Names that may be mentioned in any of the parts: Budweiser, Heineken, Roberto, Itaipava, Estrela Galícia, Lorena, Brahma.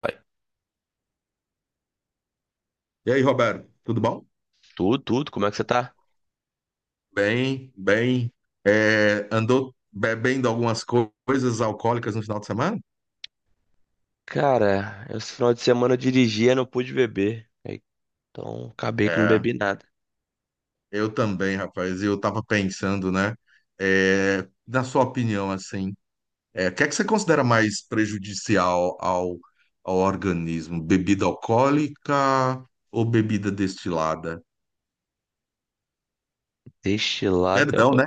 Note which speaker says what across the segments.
Speaker 1: Pai.
Speaker 2: E aí, Roberto, tudo bom?
Speaker 1: Tudo, tudo, como é que você tá?
Speaker 2: Bem, bem. Andou bebendo algumas coisas alcoólicas no final de semana?
Speaker 1: Cara, esse final de semana eu dirigi e não pude beber. Aí, então, acabei que não
Speaker 2: É,
Speaker 1: bebi nada.
Speaker 2: eu também, rapaz. Eu tava pensando, né? Na sua opinião, assim, o que é que você considera mais prejudicial ao organismo? Bebida alcoólica ou bebida destilada?
Speaker 1: Destilado é, o
Speaker 2: Perdão,
Speaker 1: co- é
Speaker 2: né?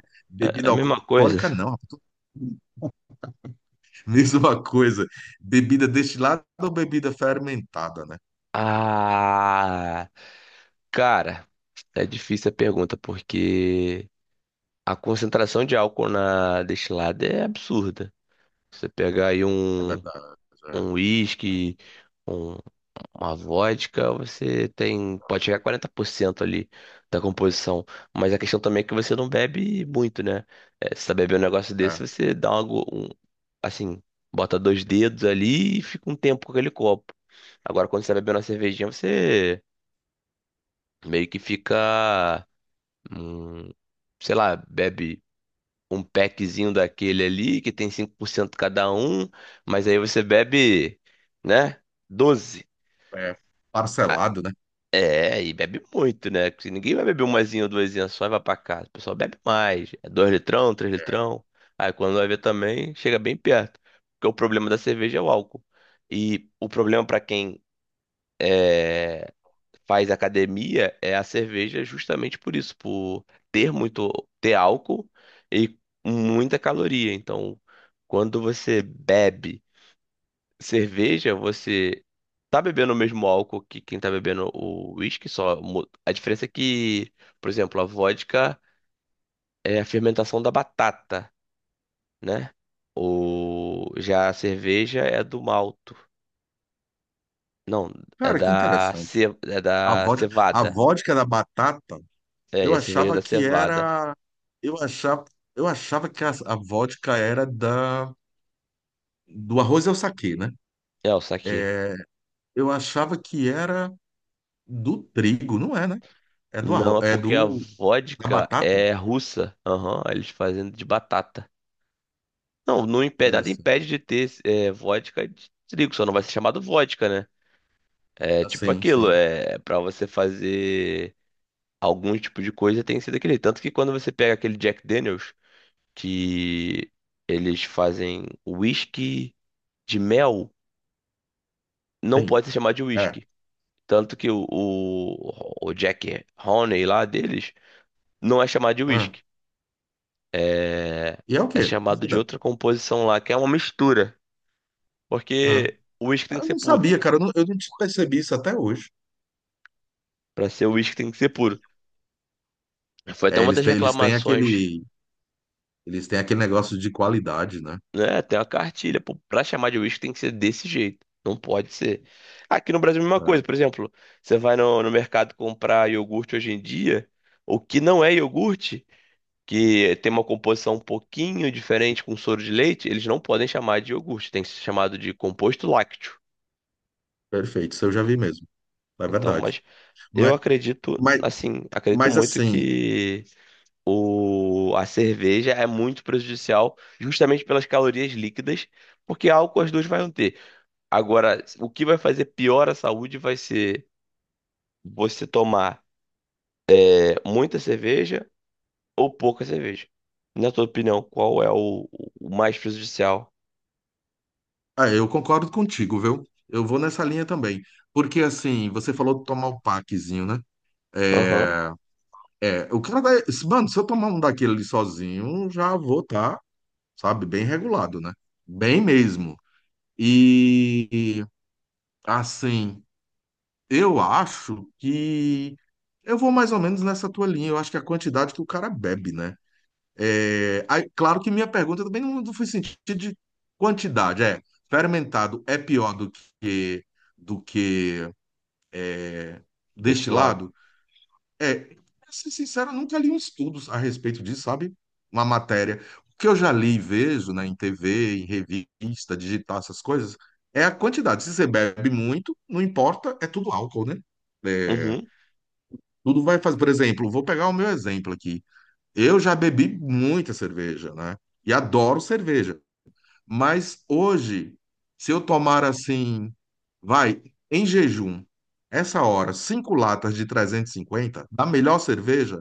Speaker 1: é
Speaker 2: Bebida
Speaker 1: a mesma coisa.
Speaker 2: alcoólica, não. Rapaz. Mesma coisa. Bebida destilada ou bebida fermentada, né?
Speaker 1: Ah, cara, é difícil a pergunta, porque a concentração de álcool na destilada é absurda. Você pegar aí
Speaker 2: É
Speaker 1: um,
Speaker 2: verdade.
Speaker 1: um
Speaker 2: É. É.
Speaker 1: whisky. Uma vodka, você tem, pode chegar a 40% ali da composição. Mas a questão também é que você não bebe muito, né? É, se você tá bebendo um negócio
Speaker 2: É,
Speaker 1: desse, você dá algo, assim, bota dois dedos ali e fica um tempo com aquele copo. Agora, quando você tá bebendo uma cervejinha, você meio que fica, hum, sei lá, bebe um packzinho daquele ali, que tem 5% cada um, mas aí você bebe, né? 12.
Speaker 2: é parcelado, né?
Speaker 1: É, e bebe muito, né? Porque ninguém vai beber umazinha ou duasinha só e vai pra casa. O pessoal bebe mais. É dois litrão, três litrão. Aí quando vai ver também, chega bem perto. Porque o problema da cerveja é o álcool. E o problema pra quem faz academia é a cerveja justamente por isso, por ter muito, ter álcool e muita caloria. Então, quando você bebe cerveja, você tá bebendo o mesmo álcool que quem tá bebendo o whisky, só a diferença é que, por exemplo, a vodka é a fermentação da batata, né? O já a cerveja é do malto. Não,
Speaker 2: Cara, que interessante.
Speaker 1: é
Speaker 2: A
Speaker 1: da
Speaker 2: vodka, a
Speaker 1: cevada.
Speaker 2: vodka da batata,
Speaker 1: É, e
Speaker 2: eu
Speaker 1: a cerveja é
Speaker 2: achava
Speaker 1: da
Speaker 2: que
Speaker 1: cevada.
Speaker 2: era. Eu achava, eu achava que a vodka era do arroz e o saquê, né?
Speaker 1: É o saquê.
Speaker 2: É, eu achava que era do trigo, não é, né? É do
Speaker 1: Não,
Speaker 2: arroz,
Speaker 1: é
Speaker 2: é
Speaker 1: porque a
Speaker 2: do da
Speaker 1: vodka
Speaker 2: batata.
Speaker 1: é russa. Aham, eles fazem de batata. Não, não impede, nada
Speaker 2: Parece.
Speaker 1: impede de ter é, vodka de trigo, só não vai ser chamado vodka, né? É tipo
Speaker 2: Assim,
Speaker 1: aquilo,
Speaker 2: sim,
Speaker 1: é para você fazer algum tipo de coisa tem que ser daquele. Tanto que quando você pega aquele Jack Daniels, que eles fazem whisky de mel, não
Speaker 2: sim.
Speaker 1: pode ser chamado de
Speaker 2: É.
Speaker 1: whisky. Tanto que o Jack Honey lá deles não é chamado de
Speaker 2: Ah.
Speaker 1: whisky. É,
Speaker 2: E é o
Speaker 1: é
Speaker 2: quê?
Speaker 1: chamado de
Speaker 2: Nada.
Speaker 1: outra composição lá, que é uma mistura.
Speaker 2: Ah.
Speaker 1: Porque o whisky tem que
Speaker 2: Eu
Speaker 1: ser
Speaker 2: não
Speaker 1: puro.
Speaker 2: sabia, cara. Eu não percebi isso até hoje.
Speaker 1: Pra ser whisky tem que ser puro. Foi até
Speaker 2: É,
Speaker 1: uma
Speaker 2: eles
Speaker 1: das
Speaker 2: têm, eles têm
Speaker 1: reclamações.
Speaker 2: aquele Eles têm aquele negócio de qualidade, né?
Speaker 1: Né? Tem uma cartilha. Pô, pra chamar de uísque tem que ser desse jeito. Não pode ser. Aqui no Brasil é a mesma
Speaker 2: Ah,
Speaker 1: coisa. Por exemplo, você vai no mercado comprar iogurte hoje em dia, o que não é iogurte, que tem uma composição um pouquinho diferente com soro de leite, eles não podem chamar de iogurte. Tem que ser chamado de composto lácteo.
Speaker 2: perfeito, isso eu já vi mesmo, é
Speaker 1: Então,
Speaker 2: verdade.
Speaker 1: mas eu
Speaker 2: Mas,
Speaker 1: acredito,
Speaker 2: mas,
Speaker 1: assim, acredito
Speaker 2: mas
Speaker 1: muito
Speaker 2: assim,
Speaker 1: que a cerveja é muito prejudicial justamente pelas calorias líquidas, porque álcool as duas vão ter. Agora, o que vai fazer pior à saúde vai ser você tomar muita cerveja ou pouca cerveja. Na tua opinião, qual é o mais prejudicial?
Speaker 2: ah, eu concordo contigo, viu? Eu vou nessa linha também. Porque assim, você falou de tomar o packzinho, né?
Speaker 1: Aham,
Speaker 2: É, o cara vai. Mano, se eu tomar um daquele ali sozinho, já vou tá, sabe, bem regulado, né? Bem mesmo. E assim, eu acho que eu vou mais ou menos nessa tua linha. Eu acho que a quantidade que o cara bebe, né? Aí, claro que minha pergunta também não foi sentido de quantidade. Fermentado é pior do que do que
Speaker 1: deste lado.
Speaker 2: destilado? É, pra ser sincero, eu nunca li um estudo a respeito disso, sabe? Uma matéria. O que eu já li e vejo, né, em TV, em revista, digitar essas coisas, é a quantidade. Se você bebe muito, não importa, é tudo álcool, né? É,
Speaker 1: Uhum.
Speaker 2: tudo vai fazer. Por exemplo, vou pegar o meu exemplo aqui. Eu já bebi muita cerveja, né? E adoro cerveja. Mas hoje, se eu tomar assim, vai, em jejum, essa hora, cinco latas de 350 da melhor cerveja,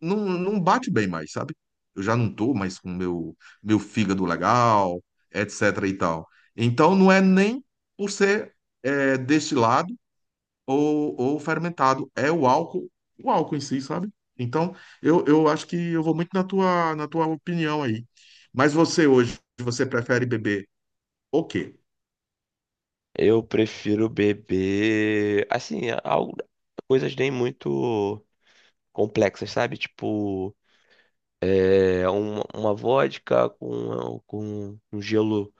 Speaker 2: não, não bate bem mais, sabe? Eu já não tô mais com meu fígado legal, etc e tal. Então não é nem por ser destilado ou fermentado, é o álcool em si, sabe? Então eu acho que eu vou muito na tua opinião aí. Mas você hoje, você prefere beber o quê?
Speaker 1: Eu prefiro beber, assim, é algo, coisas nem muito complexas, sabe? Tipo, é, uma vodka com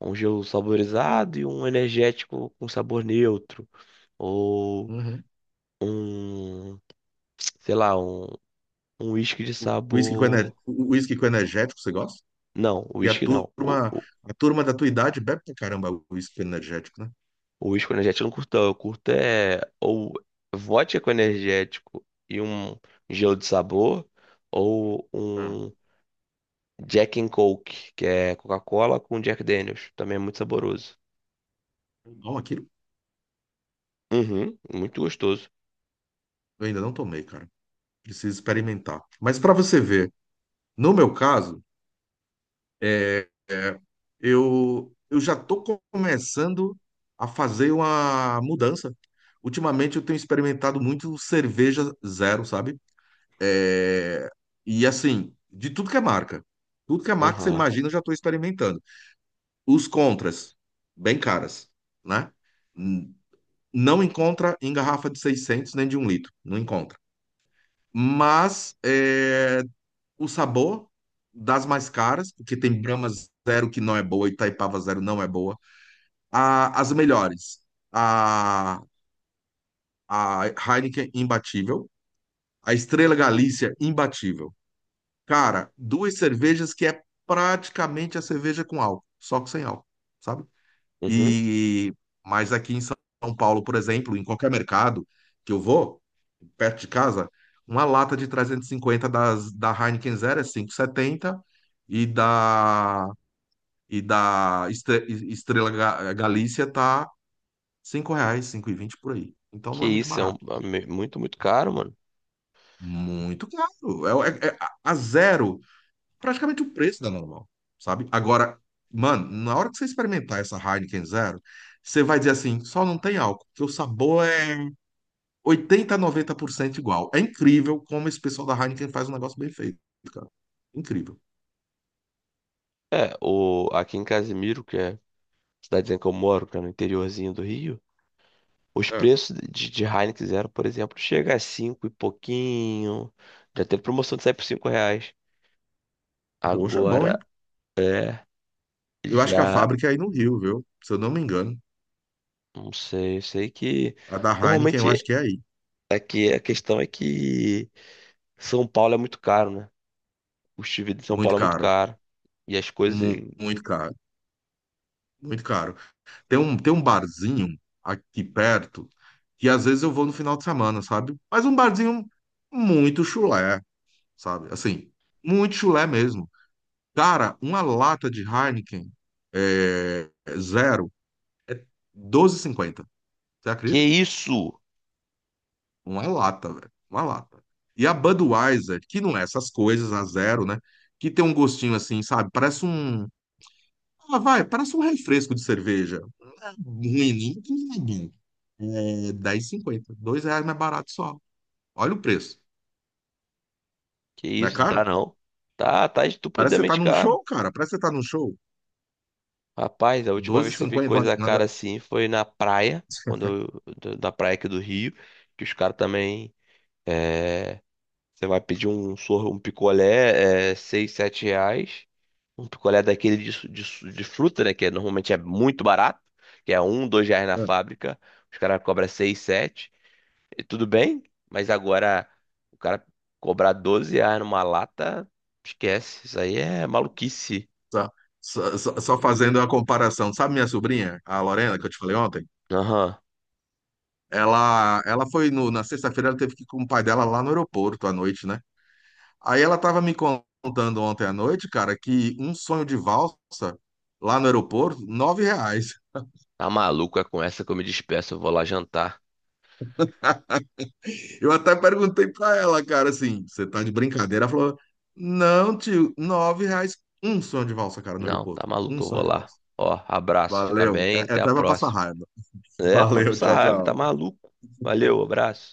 Speaker 1: um gelo saborizado e um energético com sabor neutro. Ou
Speaker 2: Uhum.
Speaker 1: um sei lá, um uísque de
Speaker 2: O Whisky com, ener...
Speaker 1: sabor.
Speaker 2: o whisky com energético, você gosta?
Speaker 1: Não,
Speaker 2: Porque a
Speaker 1: uísque não. O,
Speaker 2: turma,
Speaker 1: o,
Speaker 2: a turma da tua idade bebe pra caramba o whisky energético, né?
Speaker 1: o uísque com energético eu não curto. Não. Eu curto é ou vodka com energético e um gelo de sabor, ou
Speaker 2: Ah,
Speaker 1: um Jack and Coke, que é Coca-Cola com Jack Daniels. Também é muito saboroso.
Speaker 2: bom, aquilo
Speaker 1: Uhum, muito gostoso.
Speaker 2: eu ainda não tomei, cara. Preciso experimentar. Mas para você ver, no meu caso, é, é, eu já tô começando a fazer uma mudança. Ultimamente eu tenho experimentado muito cerveja zero, sabe? É, e assim, de tudo que é marca. Tudo que é marca, você
Speaker 1: Aham.
Speaker 2: imagina, eu já estou experimentando. Os contras, bem caras, né? N- Não encontra em garrafa de 600 nem de um litro, não encontra. Mas o sabor das mais caras, porque tem Brahma Zero que não é boa, Itaipava Zero não é boa. As melhores, a, a Heineken imbatível, a Estrela Galícia imbatível. Cara, duas cervejas que é praticamente a cerveja com álcool, só que sem álcool, sabe?
Speaker 1: Uhum.
Speaker 2: E mas aqui em São Paulo, por exemplo, em qualquer mercado que eu vou, perto de casa, uma lata de 350 da Heineken Zero é 5,70 e setenta e da e da Estrela Galícia tá R$ 5, 5,20 por aí. Então não
Speaker 1: Que
Speaker 2: é muito
Speaker 1: isso,
Speaker 2: barato.
Speaker 1: é muito, muito caro, mano.
Speaker 2: Muito caro. A zero, praticamente o preço da normal, sabe? Agora, mano, na hora que você experimentar essa Heineken Zero, você vai dizer assim, só não tem álcool, porque o sabor é 80 a 90% igual. É incrível como esse pessoal da Heineken faz um negócio bem feito, cara. Incrível.
Speaker 1: É, aqui em Casimiro, que é a cidadezinha que eu moro, que é no interiorzinho do Rio. Os
Speaker 2: É.
Speaker 1: preços de Heineken Zero, por exemplo, chega a 5 e pouquinho. Já teve promoção de sai por R$ 5.
Speaker 2: Poxa, é bom, hein?
Speaker 1: Agora é
Speaker 2: Eu acho que a
Speaker 1: já.
Speaker 2: fábrica é aí no Rio, viu? Se eu não me engano.
Speaker 1: Não sei, eu sei que.
Speaker 2: A da Heineken, eu acho
Speaker 1: Normalmente
Speaker 2: que é aí.
Speaker 1: aqui a questão é que São Paulo é muito caro, né? O custo de vida de São
Speaker 2: Muito
Speaker 1: Paulo é muito
Speaker 2: caro.
Speaker 1: caro. E as coisas.
Speaker 2: Muito, caro. Muito caro. Tem um barzinho aqui perto que às vezes eu vou no final de semana, sabe? Mas um barzinho muito chulé, sabe? Assim, muito chulé mesmo. Cara, uma lata de Heineken é, zero, 12,50. Você
Speaker 1: Que
Speaker 2: acredita?
Speaker 1: isso?
Speaker 2: Uma lata, velho. Uma lata. E a Budweiser, que não é essas coisas, a zero, né? Que tem um gostinho assim, sabe? Parece um. Ah, vai, parece um refresco de cerveja. Ruim, não é. 10,50, R$ 2 mais barato só. Olha o preço.
Speaker 1: Que
Speaker 2: Não é
Speaker 1: isso? Não dá
Speaker 2: caro?
Speaker 1: não. Tá, tá
Speaker 2: Parece que você tá
Speaker 1: estupidamente
Speaker 2: num
Speaker 1: caro.
Speaker 2: show, cara. Parece que você tá num show.
Speaker 1: Rapaz, a última vez que eu vi
Speaker 2: R$12,50.
Speaker 1: coisa cara assim foi na praia, quando eu, da praia aqui do Rio, que os caras também. Você vai pedir um sorro, um picolé, é, seis, sete reais. Um picolé daquele de fruta, né? Que é, normalmente é muito barato, que é um, dois reais na
Speaker 2: É,
Speaker 1: fábrica. Os caras cobram seis, sete. E tudo bem, mas agora o cara cobrar R$ 12 numa lata, esquece. Isso aí é maluquice.
Speaker 2: Só, só fazendo a comparação. Sabe minha sobrinha, a Lorena, que eu te falei ontem?
Speaker 1: Aham.
Speaker 2: Ela foi na sexta-feira, ela teve que ir com o pai dela lá no aeroporto à noite, né? Aí ela tava me contando ontem à noite, cara, que um sonho de valsa lá no aeroporto, R$ 9.
Speaker 1: Tá maluco, é com essa que eu me despeço. Eu vou lá jantar.
Speaker 2: Eu até perguntei pra ela, cara, assim, você tá de brincadeira? Ela falou, não, tio, R$ 9, um sonho de valsa, cara, no
Speaker 1: Não,
Speaker 2: aeroporto.
Speaker 1: tá
Speaker 2: Um
Speaker 1: maluco, eu vou
Speaker 2: sonho de
Speaker 1: lá.
Speaker 2: valsa.
Speaker 1: Ó, abraço, fica
Speaker 2: Valeu. É,
Speaker 1: bem,
Speaker 2: é
Speaker 1: até
Speaker 2: até
Speaker 1: a
Speaker 2: pra passar
Speaker 1: próxima.
Speaker 2: raiva.
Speaker 1: É, pra
Speaker 2: Valeu,
Speaker 1: passar
Speaker 2: tchau,
Speaker 1: raiva, tá
Speaker 2: tchau.
Speaker 1: maluco. Valeu, abraço.